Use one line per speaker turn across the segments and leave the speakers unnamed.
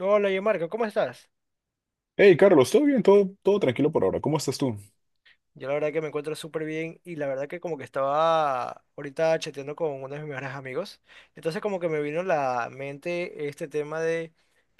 Hola, yo Marco, ¿cómo estás?
Hey, Carlos, ¿todo bien? ¿Todo tranquilo por ahora? ¿Cómo estás tú?
Yo la verdad que me encuentro súper bien y la verdad que como que estaba ahorita chateando con uno de mis mejores amigos. Entonces como que me vino a la mente este tema de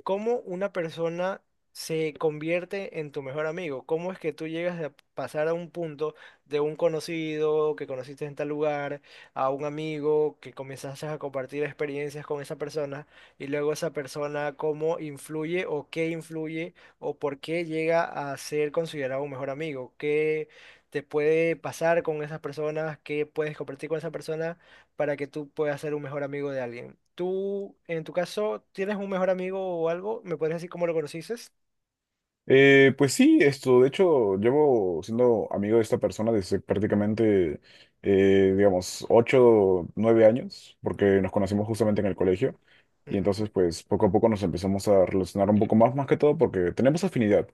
cómo una persona se convierte en tu mejor amigo. Cómo es que tú llegas a pasar a un punto de un conocido que conociste en tal lugar, a un amigo que comenzaste a compartir experiencias con esa persona y luego esa persona cómo influye o qué influye o por qué llega a ser considerado un mejor amigo. ¿Qué te puede pasar con esas personas, qué puedes compartir con esa persona para que tú puedas ser un mejor amigo de alguien? Tú, en tu caso, ¿tienes un mejor amigo o algo? ¿Me podrías decir cómo lo conociste?
Pues sí, esto, de hecho, llevo siendo amigo de esta persona desde prácticamente, digamos, 8, 9 años, porque nos conocimos justamente en el colegio, y
Ujú.
entonces, pues, poco a poco nos empezamos a relacionar un poco más, más que todo, porque tenemos afinidad.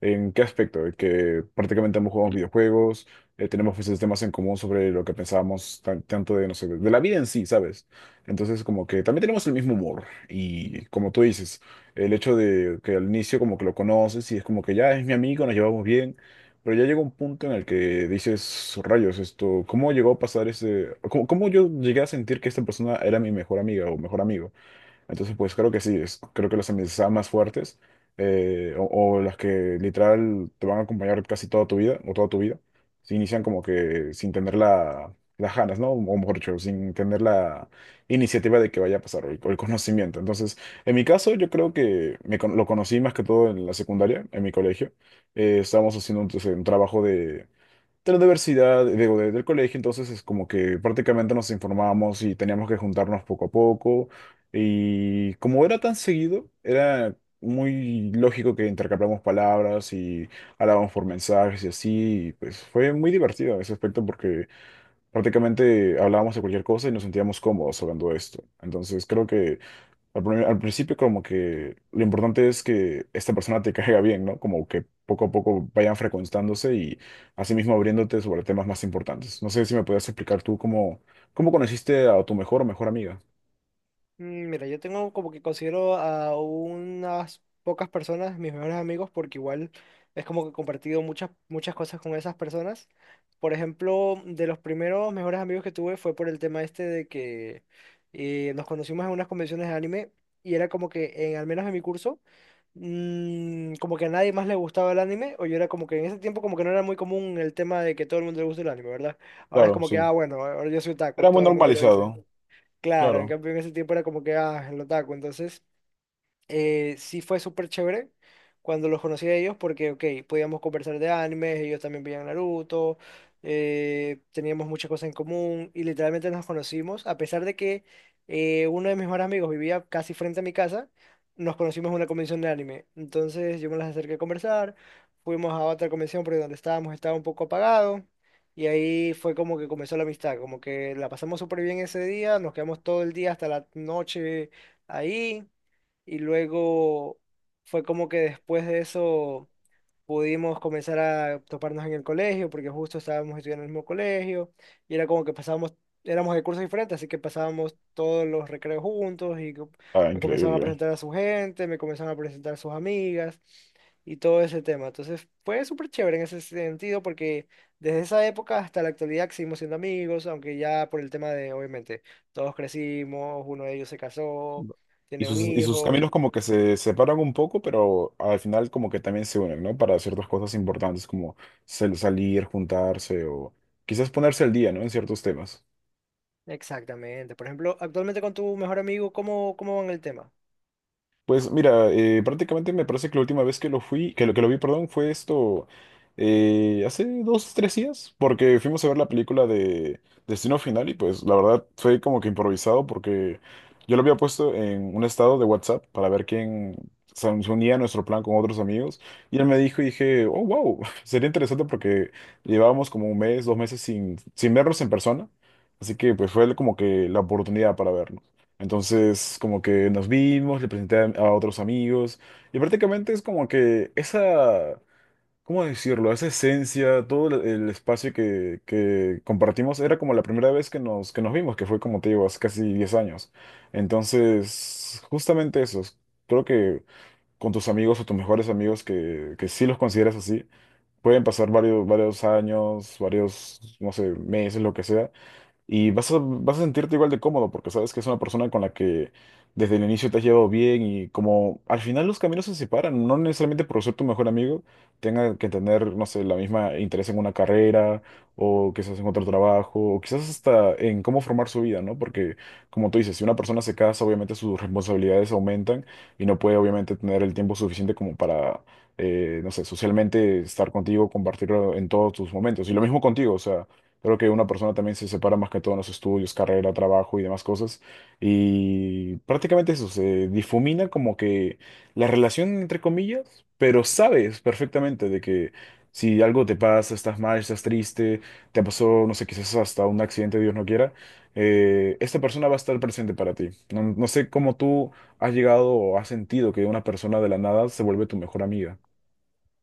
¿En qué aspecto? En que prácticamente ambos jugamos videojuegos. Tenemos, pues, este, temas en común sobre lo que pensábamos, tanto de, no sé, de la vida en sí, ¿sabes? Entonces, como que también tenemos el mismo humor, y como tú dices, el hecho de que al inicio como que lo conoces y es como que ya es mi amigo, nos llevamos bien, pero ya llega un punto en el que dices, rayos, esto, ¿cómo llegó a pasar ese, cómo, cómo yo llegué a sentir que esta persona era mi mejor amiga o mejor amigo? Entonces, pues creo que sí, creo que las amistades más fuertes, o las que literal te van a acompañar casi toda tu vida o toda tu vida, se inician como que sin tener la, las ganas, ¿no? O mejor dicho, sin tener la iniciativa de que vaya a pasar o el conocimiento. Entonces, en mi caso, yo creo que lo conocí más que todo en la secundaria, en mi colegio. Estábamos haciendo, entonces, un trabajo de la universidad, digo, del colegio. Entonces es como que prácticamente nos informábamos y teníamos que juntarnos poco a poco. Y como era tan seguido, era muy lógico que intercambiamos palabras y hablábamos por mensajes y así. Y, pues, fue muy divertido en ese aspecto porque prácticamente hablábamos de cualquier cosa y nos sentíamos cómodos hablando de esto. Entonces creo que al principio como que lo importante es que esta persona te caiga bien, ¿no? Como que poco a poco vayan frecuentándose y asimismo abriéndote sobre temas más importantes. No sé si me podías explicar tú cómo, cómo conociste a tu mejor o mejor amiga.
Mira, yo tengo como que considero a unas pocas personas mis mejores amigos porque igual es como que he compartido muchas, muchas cosas con esas personas. Por ejemplo, de los primeros mejores amigos que tuve fue por el tema este de que nos conocimos en unas convenciones de anime y era como que, en, al menos en mi curso, como que a nadie más le gustaba el anime o yo era como que en ese tiempo como que no era muy común el tema de que todo el mundo le gusta el anime, ¿verdad? Ahora es
Claro,
como que, ah,
sí.
bueno, ahora yo soy otaku,
Era muy
todo el mundo lo dice.
normalizado,
Claro, en
claro.
cambio en ese tiempo era como que, ah, el otaku, entonces, sí fue súper chévere cuando los conocí a ellos porque, ok, podíamos conversar de animes, ellos también veían Naruto, teníamos muchas cosas en común y literalmente nos conocimos, a pesar de que uno de mis mejores amigos vivía casi frente a mi casa, nos conocimos en una convención de anime. Entonces yo me las acerqué a conversar, fuimos a otra convención porque donde estábamos estaba un poco apagado. Y ahí fue como que comenzó la amistad, como que la pasamos súper bien ese día, nos quedamos todo el día hasta la noche ahí y luego fue como que después de eso pudimos comenzar a toparnos en el colegio, porque justo estábamos estudiando en el mismo colegio, y era como que pasábamos, éramos de cursos diferentes, así que pasábamos todos los recreos juntos, y
Ah,
me comenzaban a
increíble.
presentar a su gente, me comenzaban a presentar a sus amigas, y todo ese tema. Entonces fue súper chévere en ese sentido, porque desde esa época hasta la actualidad seguimos siendo amigos, aunque ya por el tema de, obviamente, todos crecimos, uno de ellos se casó, tiene un
Y sus
hijo.
caminos como que se separan un poco, pero al final como que también se unen, ¿no? Para ciertas cosas importantes como salir, juntarse o quizás ponerse al día, ¿no? En ciertos temas.
Exactamente. Por ejemplo, actualmente con tu mejor amigo, ¿cómo, cómo van el tema?
Pues mira, prácticamente me parece que la última vez que lo fui, que lo vi, perdón, fue esto, hace 2, 3 días, porque fuimos a ver la película de Destino Final y, pues, la verdad fue como que improvisado porque yo lo había puesto en un estado de WhatsApp para ver quién se unía a nuestro plan con otros amigos y él me dijo y dije, oh, wow, sería interesante porque llevábamos como un mes, 2 meses sin, sin verlos en persona, así que pues fue como que la oportunidad para verlo. Entonces, como que nos vimos, le presenté a otros amigos y prácticamente es como que esa, ¿cómo decirlo? Esa esencia, todo el espacio que compartimos era como la primera vez que nos vimos, que fue, como te digo, hace casi 10 años. Entonces, justamente eso, creo que con tus amigos o tus mejores amigos que sí los consideras así, pueden pasar varios, varios años, varios, no sé, meses, lo que sea, y vas a, vas a sentirte igual de cómodo porque sabes que es una persona con la que desde el inicio te has llevado bien y como al final los caminos se separan, no necesariamente por ser tu mejor amigo tenga que tener, no sé, la misma interés en una carrera o quizás en otro trabajo o quizás hasta en cómo formar su vida, ¿no? Porque, como tú dices, si una persona se casa, obviamente sus responsabilidades aumentan y no puede obviamente tener el tiempo suficiente como para, no sé, socialmente estar contigo, compartirlo en todos tus momentos. Y lo mismo contigo, o sea... Creo que una persona también se separa más que todo en los estudios, carrera, trabajo y demás cosas. Y prácticamente eso, se difumina como que la relación, entre comillas, pero sabes perfectamente de que si algo te pasa, estás mal, estás triste, te pasó, no sé, quizás hasta un accidente, Dios no quiera, esta persona va a estar presente para ti. No, no sé cómo tú has llegado o has sentido que una persona de la nada se vuelve tu mejor amiga.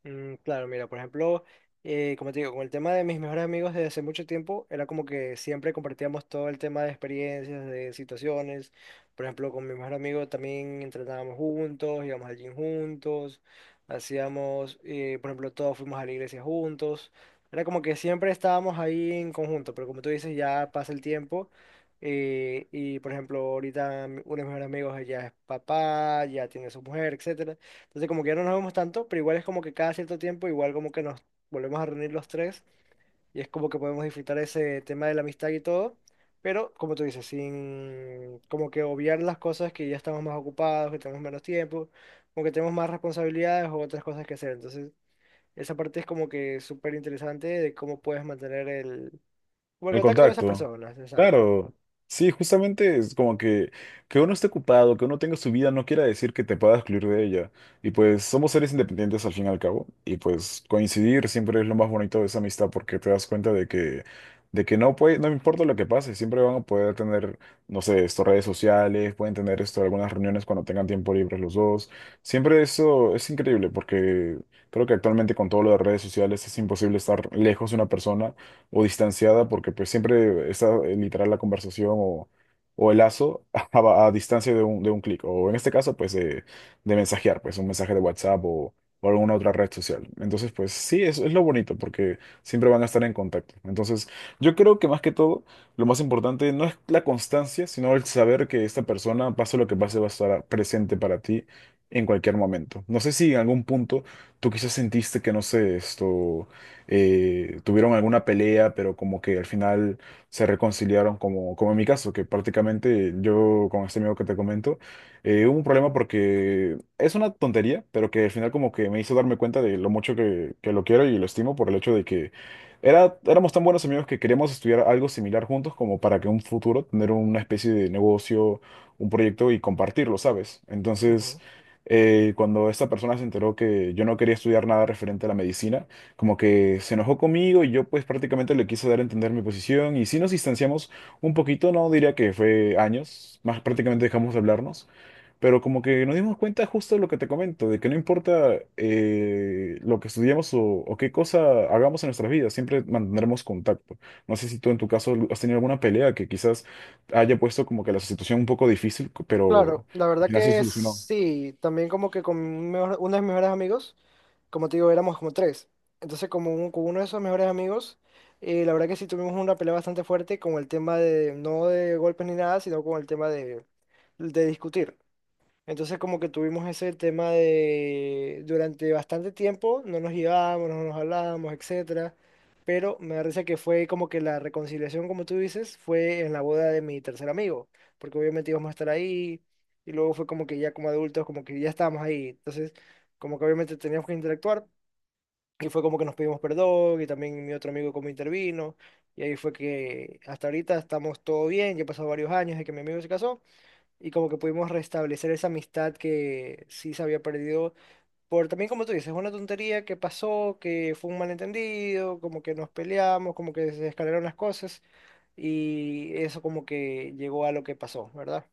Claro, mira, por ejemplo, como te digo, con el tema de mis mejores amigos desde hace mucho tiempo, era como que siempre compartíamos todo el tema de experiencias, de situaciones. Por ejemplo, con mi mejor amigo también entrenábamos juntos, íbamos al gym juntos, hacíamos, por ejemplo, todos fuimos a la iglesia juntos. Era como que siempre estábamos ahí en conjunto, pero como tú dices, ya pasa el tiempo. Y por ejemplo, ahorita uno de mis mejores amigos ya es papá, ya tiene su mujer, etcétera. Entonces como que ya no nos vemos tanto, pero igual es como que cada cierto tiempo, igual como que nos volvemos a reunir los tres y es como que podemos disfrutar ese tema de la amistad y todo, pero como tú dices, sin como que obviar las cosas que ya estamos más ocupados, que tenemos menos tiempo, como que tenemos más responsabilidades o otras cosas que hacer. Entonces esa parte es como que súper interesante de cómo puedes mantener el, como el
El
contacto con esas
contacto.
personas, exacto.
Claro. Sí, justamente es como que uno esté ocupado, que uno tenga su vida, no quiera decir que te pueda excluir de ella. Y, pues, somos seres independientes al fin y al cabo. Y, pues, coincidir siempre es lo más bonito de esa amistad porque te das cuenta de que no puede, no importa lo que pase, siempre van a poder tener, no sé, esto, redes sociales, pueden tener esto, algunas reuniones cuando tengan tiempo libre los dos. Siempre eso es increíble porque creo que actualmente con todo lo de redes sociales es imposible estar lejos de una persona o distanciada, porque pues siempre está, literal, la conversación o el lazo a, a distancia de un clic, o en este caso, pues, de mensajear, pues un mensaje de WhatsApp o alguna otra red social. Entonces, pues sí, es lo bonito, porque siempre van a estar en contacto. Entonces yo creo que más que todo, lo más importante no es la constancia, sino el saber que esta persona, pase lo que pase, va a estar presente para ti en cualquier momento. No sé si en algún punto tú quizás sentiste que, no sé, esto, tuvieron alguna pelea, pero como que al final se reconciliaron, como, como en mi caso, que prácticamente yo con este amigo que te comento, hubo un problema porque es una tontería, pero que al final como que me hizo darme cuenta de lo mucho que lo quiero y lo estimo por el hecho de que era, éramos tan buenos amigos que queríamos estudiar algo similar juntos como para que en un futuro tener una especie de negocio, un proyecto y compartirlo, ¿sabes? Entonces...
Ujú.
Cuando esta persona se enteró que yo no quería estudiar nada referente a la medicina, como que se enojó conmigo y yo, pues, prácticamente le quise dar a entender mi posición y sí nos distanciamos un poquito, no diría que fue años, más prácticamente dejamos de hablarnos, pero como que nos dimos cuenta justo de lo que te comento, de que no importa, lo que estudiamos o qué cosa hagamos en nuestras vidas, siempre mantendremos contacto. No sé si tú en tu caso has tenido alguna pelea que quizás haya puesto como que la situación un poco difícil,
Claro,
pero
la
al
verdad
final se
que
solucionó.
sí, también como que con uno de mis mejores amigos, como te digo, éramos como tres. Entonces con uno de esos mejores amigos, la verdad que sí tuvimos una pelea bastante fuerte con el tema de, no de golpes ni nada, sino con el tema de discutir. Entonces como que tuvimos ese tema de durante bastante tiempo no nos llevábamos, no nos hablábamos, etcétera, pero me da risa que fue como que la reconciliación, como tú dices, fue en la boda de mi tercer amigo, porque obviamente íbamos a estar ahí y luego fue como que ya como adultos, como que ya estábamos ahí, entonces como que obviamente teníamos que interactuar y fue como que nos pedimos perdón y también mi otro amigo como intervino y ahí fue que hasta ahorita estamos todo bien, ya pasado varios años de que mi amigo se casó y como que pudimos restablecer esa amistad que sí se había perdido por también como tú dices, una tontería que pasó, que fue un malentendido, como que nos peleamos, como que se escalaron las cosas y eso como que llegó a lo que pasó, ¿verdad?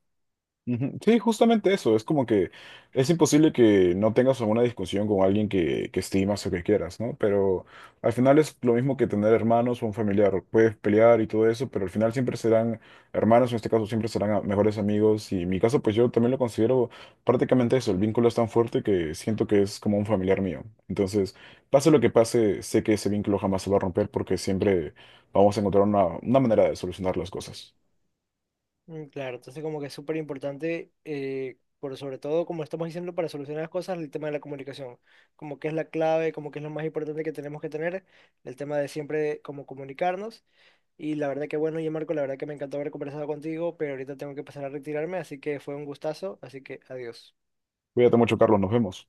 Ujú. Sí, justamente eso. Es como que es imposible que no tengas alguna discusión con alguien que estimas o que quieras, ¿no? Pero al final es lo mismo que tener hermanos o un familiar. Puedes pelear y todo eso, pero al final siempre serán hermanos, en este caso siempre serán mejores amigos. Y en mi caso, pues yo también lo considero prácticamente eso. El vínculo es tan fuerte que siento que es como un familiar mío. Entonces, pase lo que pase, sé que ese vínculo jamás se va a romper porque siempre vamos a encontrar una manera de solucionar las cosas.
Claro, entonces como que es súper importante, por sobre todo como estamos diciendo para solucionar las cosas, el tema de la comunicación, como que es la clave, como que es lo más importante que tenemos que tener, el tema de siempre como comunicarnos. Y la verdad que bueno, ya Marco, la verdad que me encantó haber conversado contigo, pero ahorita tengo que pasar a retirarme, así que fue un gustazo, así que adiós.
Cuídate mucho, Carlos. Nos vemos.